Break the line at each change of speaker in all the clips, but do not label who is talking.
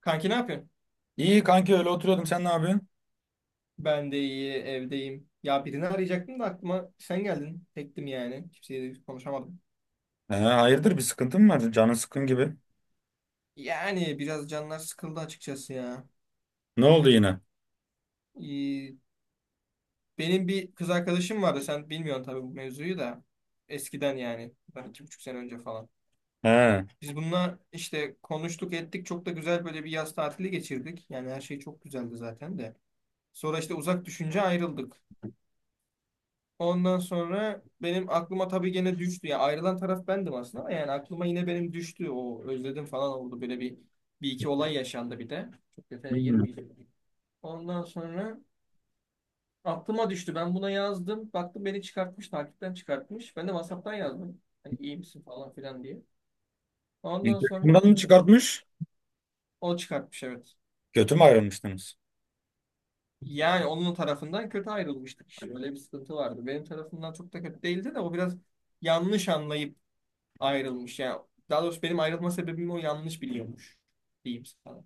Kanki ne yapıyorsun?
İyi kanki öyle oturuyordum. Sen ne yapıyorsun?
Ben de iyi, evdeyim. Ya birini arayacaktım da aklıma sen geldin. Tektim yani. Kimseyle de konuşamadım.
He, hayırdır, bir sıkıntın mı var? Canın sıkkın gibi.
Yani biraz canlar sıkıldı açıkçası ya.
Ne oldu yine?
İyi. Benim bir kız arkadaşım vardı. Sen bilmiyorsun tabii bu mevzuyu da. Eskiden yani. Bundan iki buçuk sene önce falan.
He.
Biz bununla işte konuştuk ettik. Çok da güzel böyle bir yaz tatili geçirdik. Yani her şey çok güzeldi zaten de. Sonra işte uzak düşünce ayrıldık. Ondan sonra benim aklıma tabii gene düştü. Ya ayrılan taraf bendim aslında ama yani aklıma yine benim düştü. O özledim falan oldu. Böyle bir, bir iki olay yaşandı bir de. Çok detaya
Hmm.
girmeyeceğim. Ondan sonra aklıma düştü. Ben buna yazdım. Baktım beni çıkartmış. Takipten çıkartmış. Ben de WhatsApp'tan yazdım. Hani iyi misin falan filan diye. Ondan
İlk
sonra
mı çıkartmış?
o çıkartmış, evet.
Kötü mü ayrılmıştınız?
Yani onun tarafından kötü ayrılmıştık işte. Öyle bir sıkıntı vardı. Benim tarafımdan çok da kötü değildi de o biraz yanlış anlayıp ayrılmış. Yani daha doğrusu benim ayrılma sebebimi o yanlış biliyormuş diyeyim sana.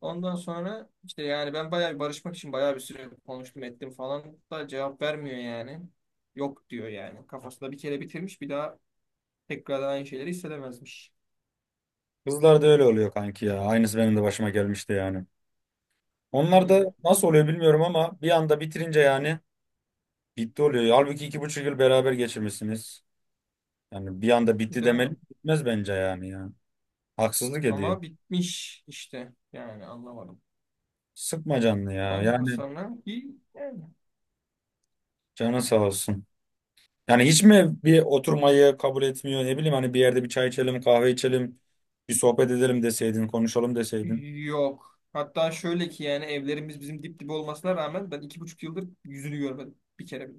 Ondan sonra işte yani ben bayağı bir barışmak için bayağı bir süre konuştum ettim falan da cevap vermiyor yani. Yok diyor yani. Kafasında bir kere bitirmiş, bir daha tekrardan aynı şeyleri hissedemezmiş.
Kızlar da öyle oluyor kanki ya. Aynısı benim de başıma gelmişti yani. Onlar da
Hmm,
nasıl oluyor bilmiyorum ama bir anda bitirince yani bitti oluyor. Halbuki 2,5 yıl beraber geçirmişsiniz. Yani bir anda bitti
değil
demeli
mi?
bitmez bence yani ya. Haksızlık ediyor.
Ama bitmiş işte yani anlamadım.
Sıkma canını ya.
Ondan
Yani
sonra bir yani
canın sağ olsun. Yani hiç mi bir oturmayı kabul etmiyor? Ne bileyim hani bir yerde bir çay içelim, kahve içelim, bir sohbet edelim deseydin, konuşalım deseydin.
yok. Hatta şöyle ki yani evlerimiz bizim dip dibe olmasına rağmen ben iki buçuk yıldır yüzünü görmedim bir kere bile.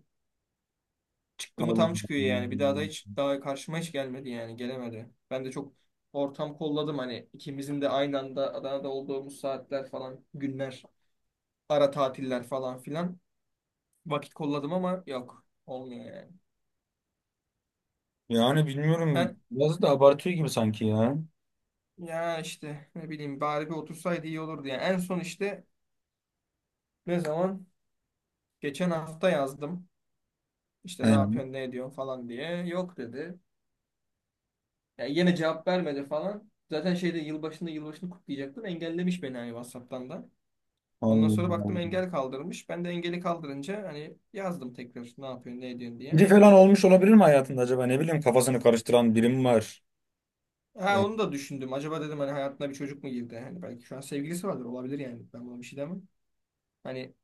Çıktı mı
Allah
tam çıkıyor yani. Bir daha da
Allah.
hiç daha karşıma hiç gelmedi yani. Gelemedi. Ben de çok ortam kolladım, hani ikimizin de aynı anda Adana'da olduğumuz saatler falan, günler, ara tatiller falan filan. Vakit kolladım ama yok. Olmuyor yani.
Yani
Ha,
bilmiyorum. Biraz da abartıyor gibi sanki ya.
ya işte ne bileyim bari bir otursaydı iyi olurdu yani. En son işte ne zaman? Geçen hafta yazdım. İşte ne
He.
yapıyorsun, ne ediyorsun falan diye. Yok dedi. Yani yine cevap vermedi falan. Zaten şeyde, yılbaşında yılbaşını kutlayacaktım. Engellemiş beni hani WhatsApp'tan da. Ondan
Allah
sonra baktım
Allah.
engel kaldırmış. Ben de engeli kaldırınca hani yazdım tekrar ne yapıyorsun ne ediyorsun diye.
Biri falan olmuş olabilir mi hayatında acaba? Ne bileyim kafasını karıştıran biri mi var?
Ha,
Yani
onu da düşündüm. Acaba dedim hani hayatına bir çocuk mu girdi? Hani belki şu an sevgilisi vardır, olabilir yani. Ben buna bir şey demem. Hani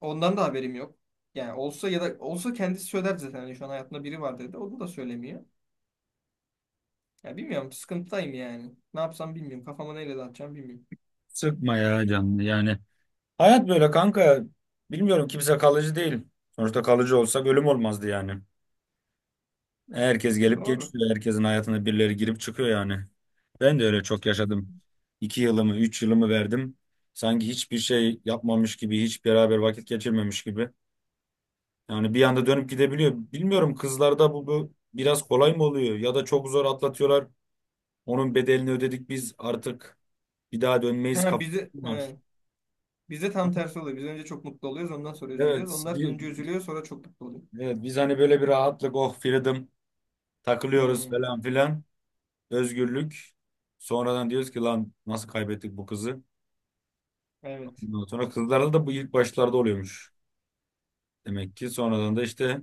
ondan da haberim yok. Yani olsa ya da olsa kendisi söyler zaten. Hani şu an hayatında biri var dedi. Onu da söylemiyor. Ya bilmiyorum, sıkıntıdayım yani. Ne yapsam bilmiyorum. Kafama neyle dağıtacağım bilmiyorum.
sıkma ya canını yani, hayat böyle kanka. Bilmiyorum, kimse kalıcı değil. Sonuçta kalıcı olsa ölüm olmazdı yani. Herkes gelip
Doğru.
geçiyor. Herkesin hayatına birileri girip çıkıyor yani. Ben de öyle çok yaşadım. 2 yılımı, 3 yılımı verdim. Sanki hiçbir şey yapmamış gibi, hiç beraber vakit geçirmemiş gibi. Yani bir anda dönüp gidebiliyor. Bilmiyorum kızlarda bu, bu biraz kolay mı oluyor ya da çok zor atlatıyorlar. Onun bedelini ödedik biz artık, bir daha dönmeyiz
Ha,
kafası
bize,
mı var.
evet. Bize tam tersi oluyor. Biz önce çok mutlu oluyoruz. Ondan sonra üzülüyoruz.
Evet,
Onlar önce üzülüyor, sonra çok mutlu oluyor.
evet, biz hani böyle bir rahatlık, oh freedom takılıyoruz
Hmm,
falan filan. Özgürlük. Sonradan diyoruz ki lan nasıl kaybettik bu kızı?
evet.
Ondan sonra kızlarda da bu ilk başlarda oluyormuş. Demek ki sonradan da işte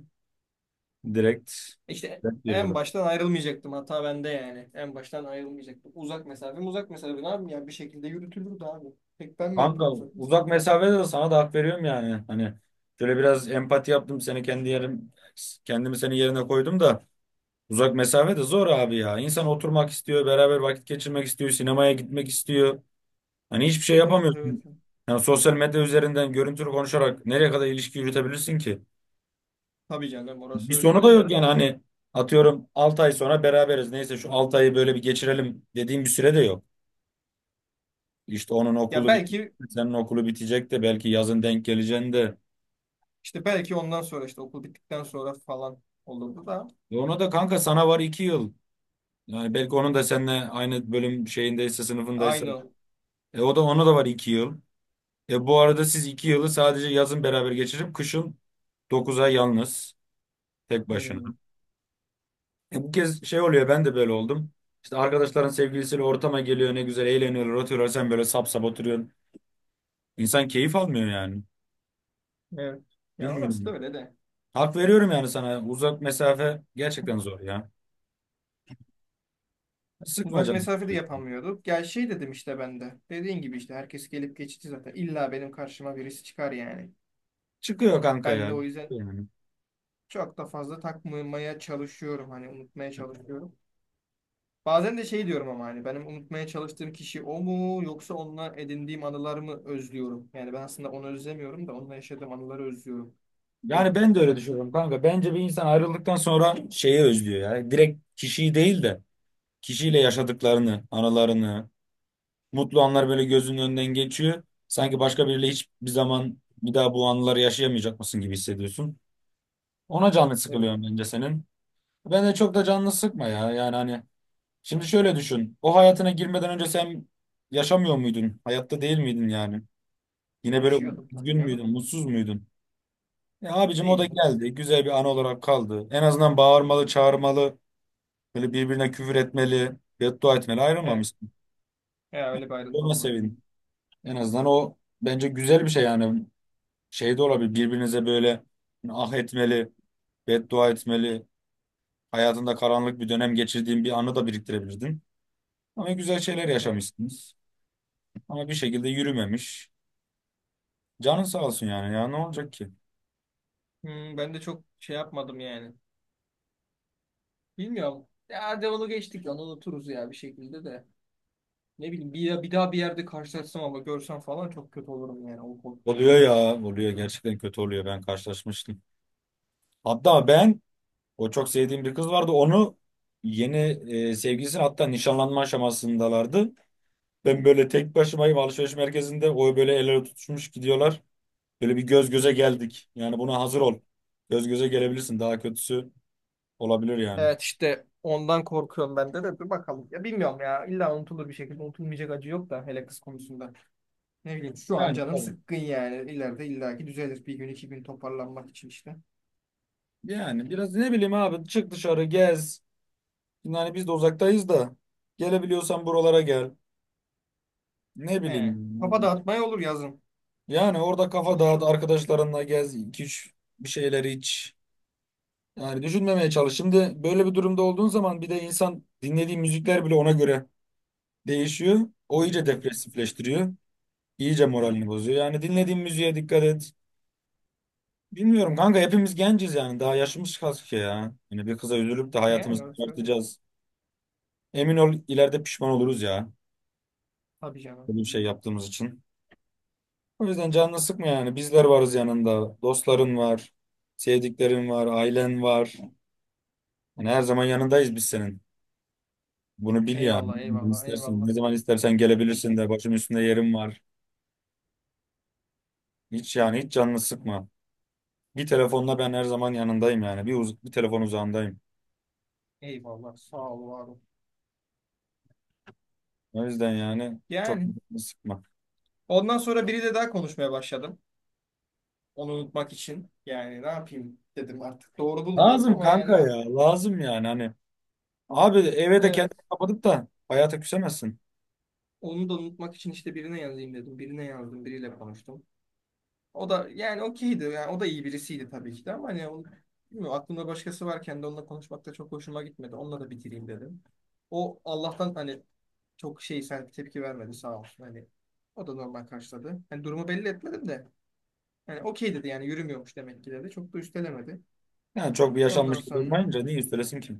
direkt,
İşte
direkt
en
veriyorlar.
baştan ayrılmayacaktım, hata bende yani. En baştan ayrılmayacaktım. Uzak mesafe mi uzak mesafe, ne yapayım ya bir şekilde yürütülürdü abi. Pek ben mi
Kanka,
yapıyorum uzak
uzak
mesafeyi?
mesafede de sana da hak veriyorum yani. Hani şöyle biraz empati yaptım, seni kendi yerim, kendimi senin yerine koydum da uzak mesafede zor abi ya. İnsan oturmak istiyor, beraber vakit geçirmek istiyor, sinemaya gitmek istiyor. Hani hiçbir şey
Evet, evet.
yapamıyorsun. Yani sosyal medya üzerinden görüntülü konuşarak nereye kadar ilişki yürütebilirsin ki?
Tabii canım,
Bir
orası öyle
sonu da
de.
yok yani, hani atıyorum 6 ay sonra beraberiz. Neyse şu 6 ayı böyle bir geçirelim dediğim bir süre de yok. İşte onun
Ya
okulu bitecek,
belki
senin okulu bitecek de belki yazın denk geleceğin de.
işte belki ondan sonra işte okul bittikten sonra falan olurdu da.
E ona da kanka sana var 2 yıl. Yani belki onun da seninle aynı bölüm şeyindeyse, sınıfındaysa.
Aynı.
E o da, ona da var 2 yıl. E bu arada siz 2 yılı sadece yazın beraber geçirip kışın 9 ay yalnız, tek başına.
Hmm,
E bu kez şey oluyor, ben de böyle oldum. İşte arkadaşların sevgilisiyle ortama geliyor, ne güzel eğleniyorlar, oturuyorlar, sen böyle sap sap oturuyorsun. İnsan keyif almıyor yani.
evet. Ya orası da
Bilmiyorum.
öyle de.
Hak veriyorum yani sana. Uzak mesafe gerçekten zor ya. Sıkma
Uzak
canım.
mesafede yapamıyorduk. Gel şey dedim işte ben de. Dediğin gibi işte herkes gelip geçici zaten. İlla benim karşıma birisi çıkar yani.
Çıkıyor kanka
Ben
ya.
de o yüzden
Yani.
çok da fazla takmamaya çalışıyorum, hani unutmaya çalışıyorum. Bazen de şey diyorum ama, hani benim unutmaya çalıştığım kişi o mu yoksa onunla edindiğim anılar mı özlüyorum? Yani ben aslında onu özlemiyorum da onunla yaşadığım anıları özlüyorum diye
Yani
de
ben de öyle
düşünüyorum.
düşünüyorum kanka. Bence bir insan ayrıldıktan sonra şeyi özlüyor ya. Direkt kişiyi değil de kişiyle yaşadıklarını, anılarını, mutlu anlar böyle gözünün önünden geçiyor. Sanki başka biriyle hiçbir zaman bir daha bu anıları yaşayamayacak mısın gibi hissediyorsun. Ona canı
Değil mi?
sıkılıyor bence senin. Ben de çok da canını sıkma ya. Yani hani şimdi şöyle düşün. O hayatına girmeden önce sen yaşamıyor muydun? Hayatta değil miydin yani? Yine böyle
Yaşıyordum
üzgün
tabii
müydün,
canım.
mutsuz muydun? E abicim, o da
Değildim.
geldi. Güzel bir an olarak kaldı. En azından bağırmalı, çağırmalı, böyle birbirine küfür etmeli, beddua etmeli
Evet.
ayrılmamışsın.
Ya öyle bir ayrılma
Ona
olmadı benim.
sevin. En azından o bence güzel bir şey yani. Şey de olabilir. Birbirinize böyle ah etmeli, beddua etmeli. Hayatında karanlık bir dönem geçirdiğin bir anı da biriktirebilirdin. Ama güzel şeyler
Evet.
yaşamışsınız. Ama bir şekilde yürümemiş. Canın sağ olsun yani ya, ne olacak ki?
Hmm, ben de çok şey yapmadım yani. Bilmiyorum. Ya hadi onu geçtik, onu unuturuz ya bir şekilde de. Ne bileyim, bir daha bir yerde karşılaşsam ama görsem falan çok kötü olurum yani. O korkutuyor beni.
Oluyor ya, oluyor, gerçekten kötü oluyor, ben karşılaşmıştım. Hatta ben, o çok sevdiğim bir kız vardı, onu yeni, sevgilisi, hatta nişanlanma aşamasındalardı. Ben böyle tek başımayım alışveriş merkezinde, o böyle el ele tutuşmuş gidiyorlar. Böyle bir göz göze
Hmm.
geldik, yani buna hazır ol. Göz göze gelebilirsin, daha kötüsü olabilir yani.
Evet, işte ondan korkuyorum ben de dur bakalım. Ya bilmiyorum ya, illa unutulur bir şekilde, unutulmayacak acı yok da hele kız konusunda. Ne bileyim şu an
Yani
canım
tabii.
sıkkın yani, ileride illaki düzelir bir gün iki gün toparlanmak için işte.
Yani biraz ne bileyim abi, çık dışarı, gez. Yani biz de uzaktayız da gelebiliyorsan buralara gel. Ne
He.
bileyim
Kafa
yani,
dağıtmaya olur yazın.
yani orada kafa
Şu
dağıt, arkadaşlarınla gez, 2-3 bir şeyler iç. Yani düşünmemeye çalış. Şimdi böyle bir durumda olduğun zaman bir de insan dinlediği müzikler bile ona göre değişiyor. O iyice
Hmm.
depresifleştiriyor. İyice moralini bozuyor. Yani dinlediğin müziğe dikkat et. Bilmiyorum kanka, hepimiz genciz yani. Daha yaşımız kaç ki ya. Yani bir kıza üzülüp de
Yani
hayatımızı
öyle söyle.
çıkartacağız. Emin ol, ileride pişman oluruz ya.
Tabii canım.
Böyle bir şey yaptığımız için. O yüzden canını sıkma yani. Bizler varız yanında. Dostların var. Sevdiklerin var. Ailen var. Yani her zaman yanındayız biz senin. Bunu bil yani.
Eyvallah, eyvallah,
İstersen,
eyvallah.
ne zaman istersen gelebilirsin de, başım üstünde yerim var. Hiç yani, hiç canını sıkma. Bir telefonla ben her zaman yanındayım yani. Bir telefon uzağındayım.
Eyvallah, sağ ol var ol.
O yüzden yani çok
Yani
canını sıkma.
ondan sonra biri de daha konuşmaya başladım. Onu unutmak için. Yani ne yapayım dedim artık. Doğru bulmuyorum
Lazım
ama yani ne
kanka
yapayım.
ya. Lazım yani hani. Abi, eve de
Evet.
kendini kapatıp da hayata küsemezsin.
Onu da unutmak için işte birine yazayım dedim. Birine yazdım, biriyle konuştum. O da yani okeydi. Yani o da iyi birisiydi tabii ki de, ama hani onu, bilmiyorum, aklımda başkası varken de onunla konuşmak da çok hoşuma gitmedi. Onunla da bitireyim dedim. O Allah'tan hani çok şey, sen tepki vermedi, sağ olsun. Hani o da normal karşıladı. Hani durumu belli etmedim de. Yani okey dedi, yani yürümüyormuş demek ki dedi. Çok da üstelemedi.
Yani çok bir
Ondan
yaşanmışlık
sonra
olmayınca niye üstelesin ki?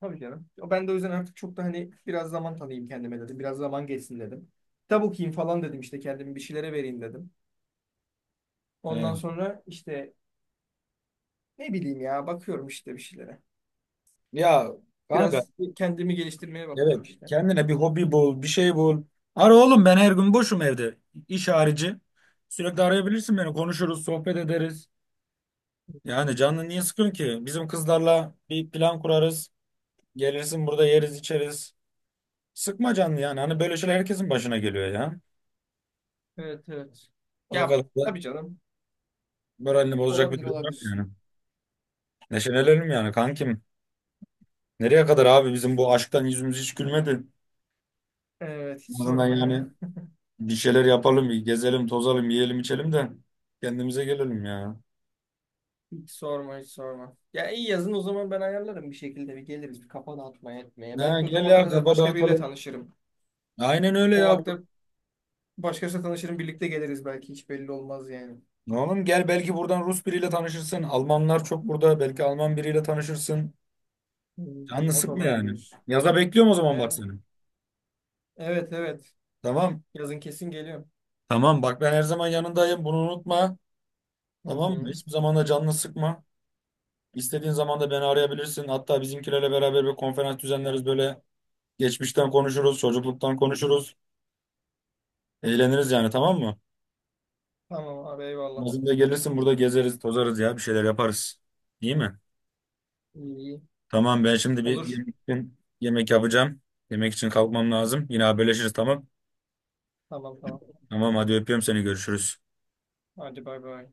tabii canım. Ben de o yüzden artık çok da hani biraz zaman tanıyayım kendime dedim. Biraz zaman geçsin dedim. Kitap okuyayım falan dedim, işte kendimi bir şeylere vereyim dedim.
He.
Ondan sonra işte ne bileyim ya, bakıyorum işte bir şeylere.
Ya kanka,
Biraz kendimi geliştirmeye bakıyorum
evet.
işte.
Kendine bir hobi bul, bir şey bul. Ara oğlum, ben her gün boşum evde. İş harici. Sürekli arayabilirsin beni. Konuşuruz, sohbet ederiz. Yani canını niye sıkıyorsun ki? Bizim kızlarla bir plan kurarız. Gelirsin, burada yeriz, içeriz. Sıkma canını yani. Hani böyle şeyler herkesin başına geliyor ya.
Evet, evet.
O
Ya
kadar da
tabii canım.
moralini bozacak bir
Olabilir,
durum yok
olabilir.
yani. Neşelenelim yani kankim. Nereye kadar abi, bizim bu aşktan yüzümüz hiç gülmedi.
Evet, hiç
En azından
sorma
yani
ya.
bir şeyler yapalım, bir gezelim, tozalım, yiyelim, içelim de kendimize gelelim ya.
Hiç sorma, hiç sorma. Ya iyi, yazın o zaman ben ayarlarım bir şekilde, bir geliriz bir kafa dağıtmaya etmeye.
Ha,
Belki o
gel
zamana
ya,
kadar
kafa
başka biriyle
dağıtalım.
tanışırım.
Aynen öyle
O
ya.
vakte başkasıyla tanışırım, birlikte geliriz, belki hiç belli olmaz yani.
Oğlum gel, belki buradan Rus biriyle tanışırsın. Almanlar çok burada. Belki Alman biriyle tanışırsın.
Hmm,
Canını
o da
sıkma yani.
olabilir.
Yaza bekliyorum o zaman bak
E,
seni.
evet, evet
Tamam.
yazın kesin geliyorum.
Tamam, bak ben her zaman yanındayım. Bunu unutma.
Hı
Tamam mı?
hı.
Hiçbir zaman da canını sıkma. İstediğin zaman da beni arayabilirsin. Hatta bizimkilerle beraber bir konferans düzenleriz böyle. Geçmişten konuşuruz, çocukluktan konuşuruz. Eğleniriz yani, tamam mı?
Tamam abi, eyvallah.
Bizim de gelirsin, burada gezeriz, tozarız ya, bir şeyler yaparız. İyi mi?
İyi, iyi.
Tamam, ben şimdi bir
Olur.
yemek için yemek yapacağım. Yemek için kalkmam lazım. Yine haberleşiriz, tamam.
Tamam, tamam.
Tamam hadi, öpüyorum seni, görüşürüz.
Hadi bay bay.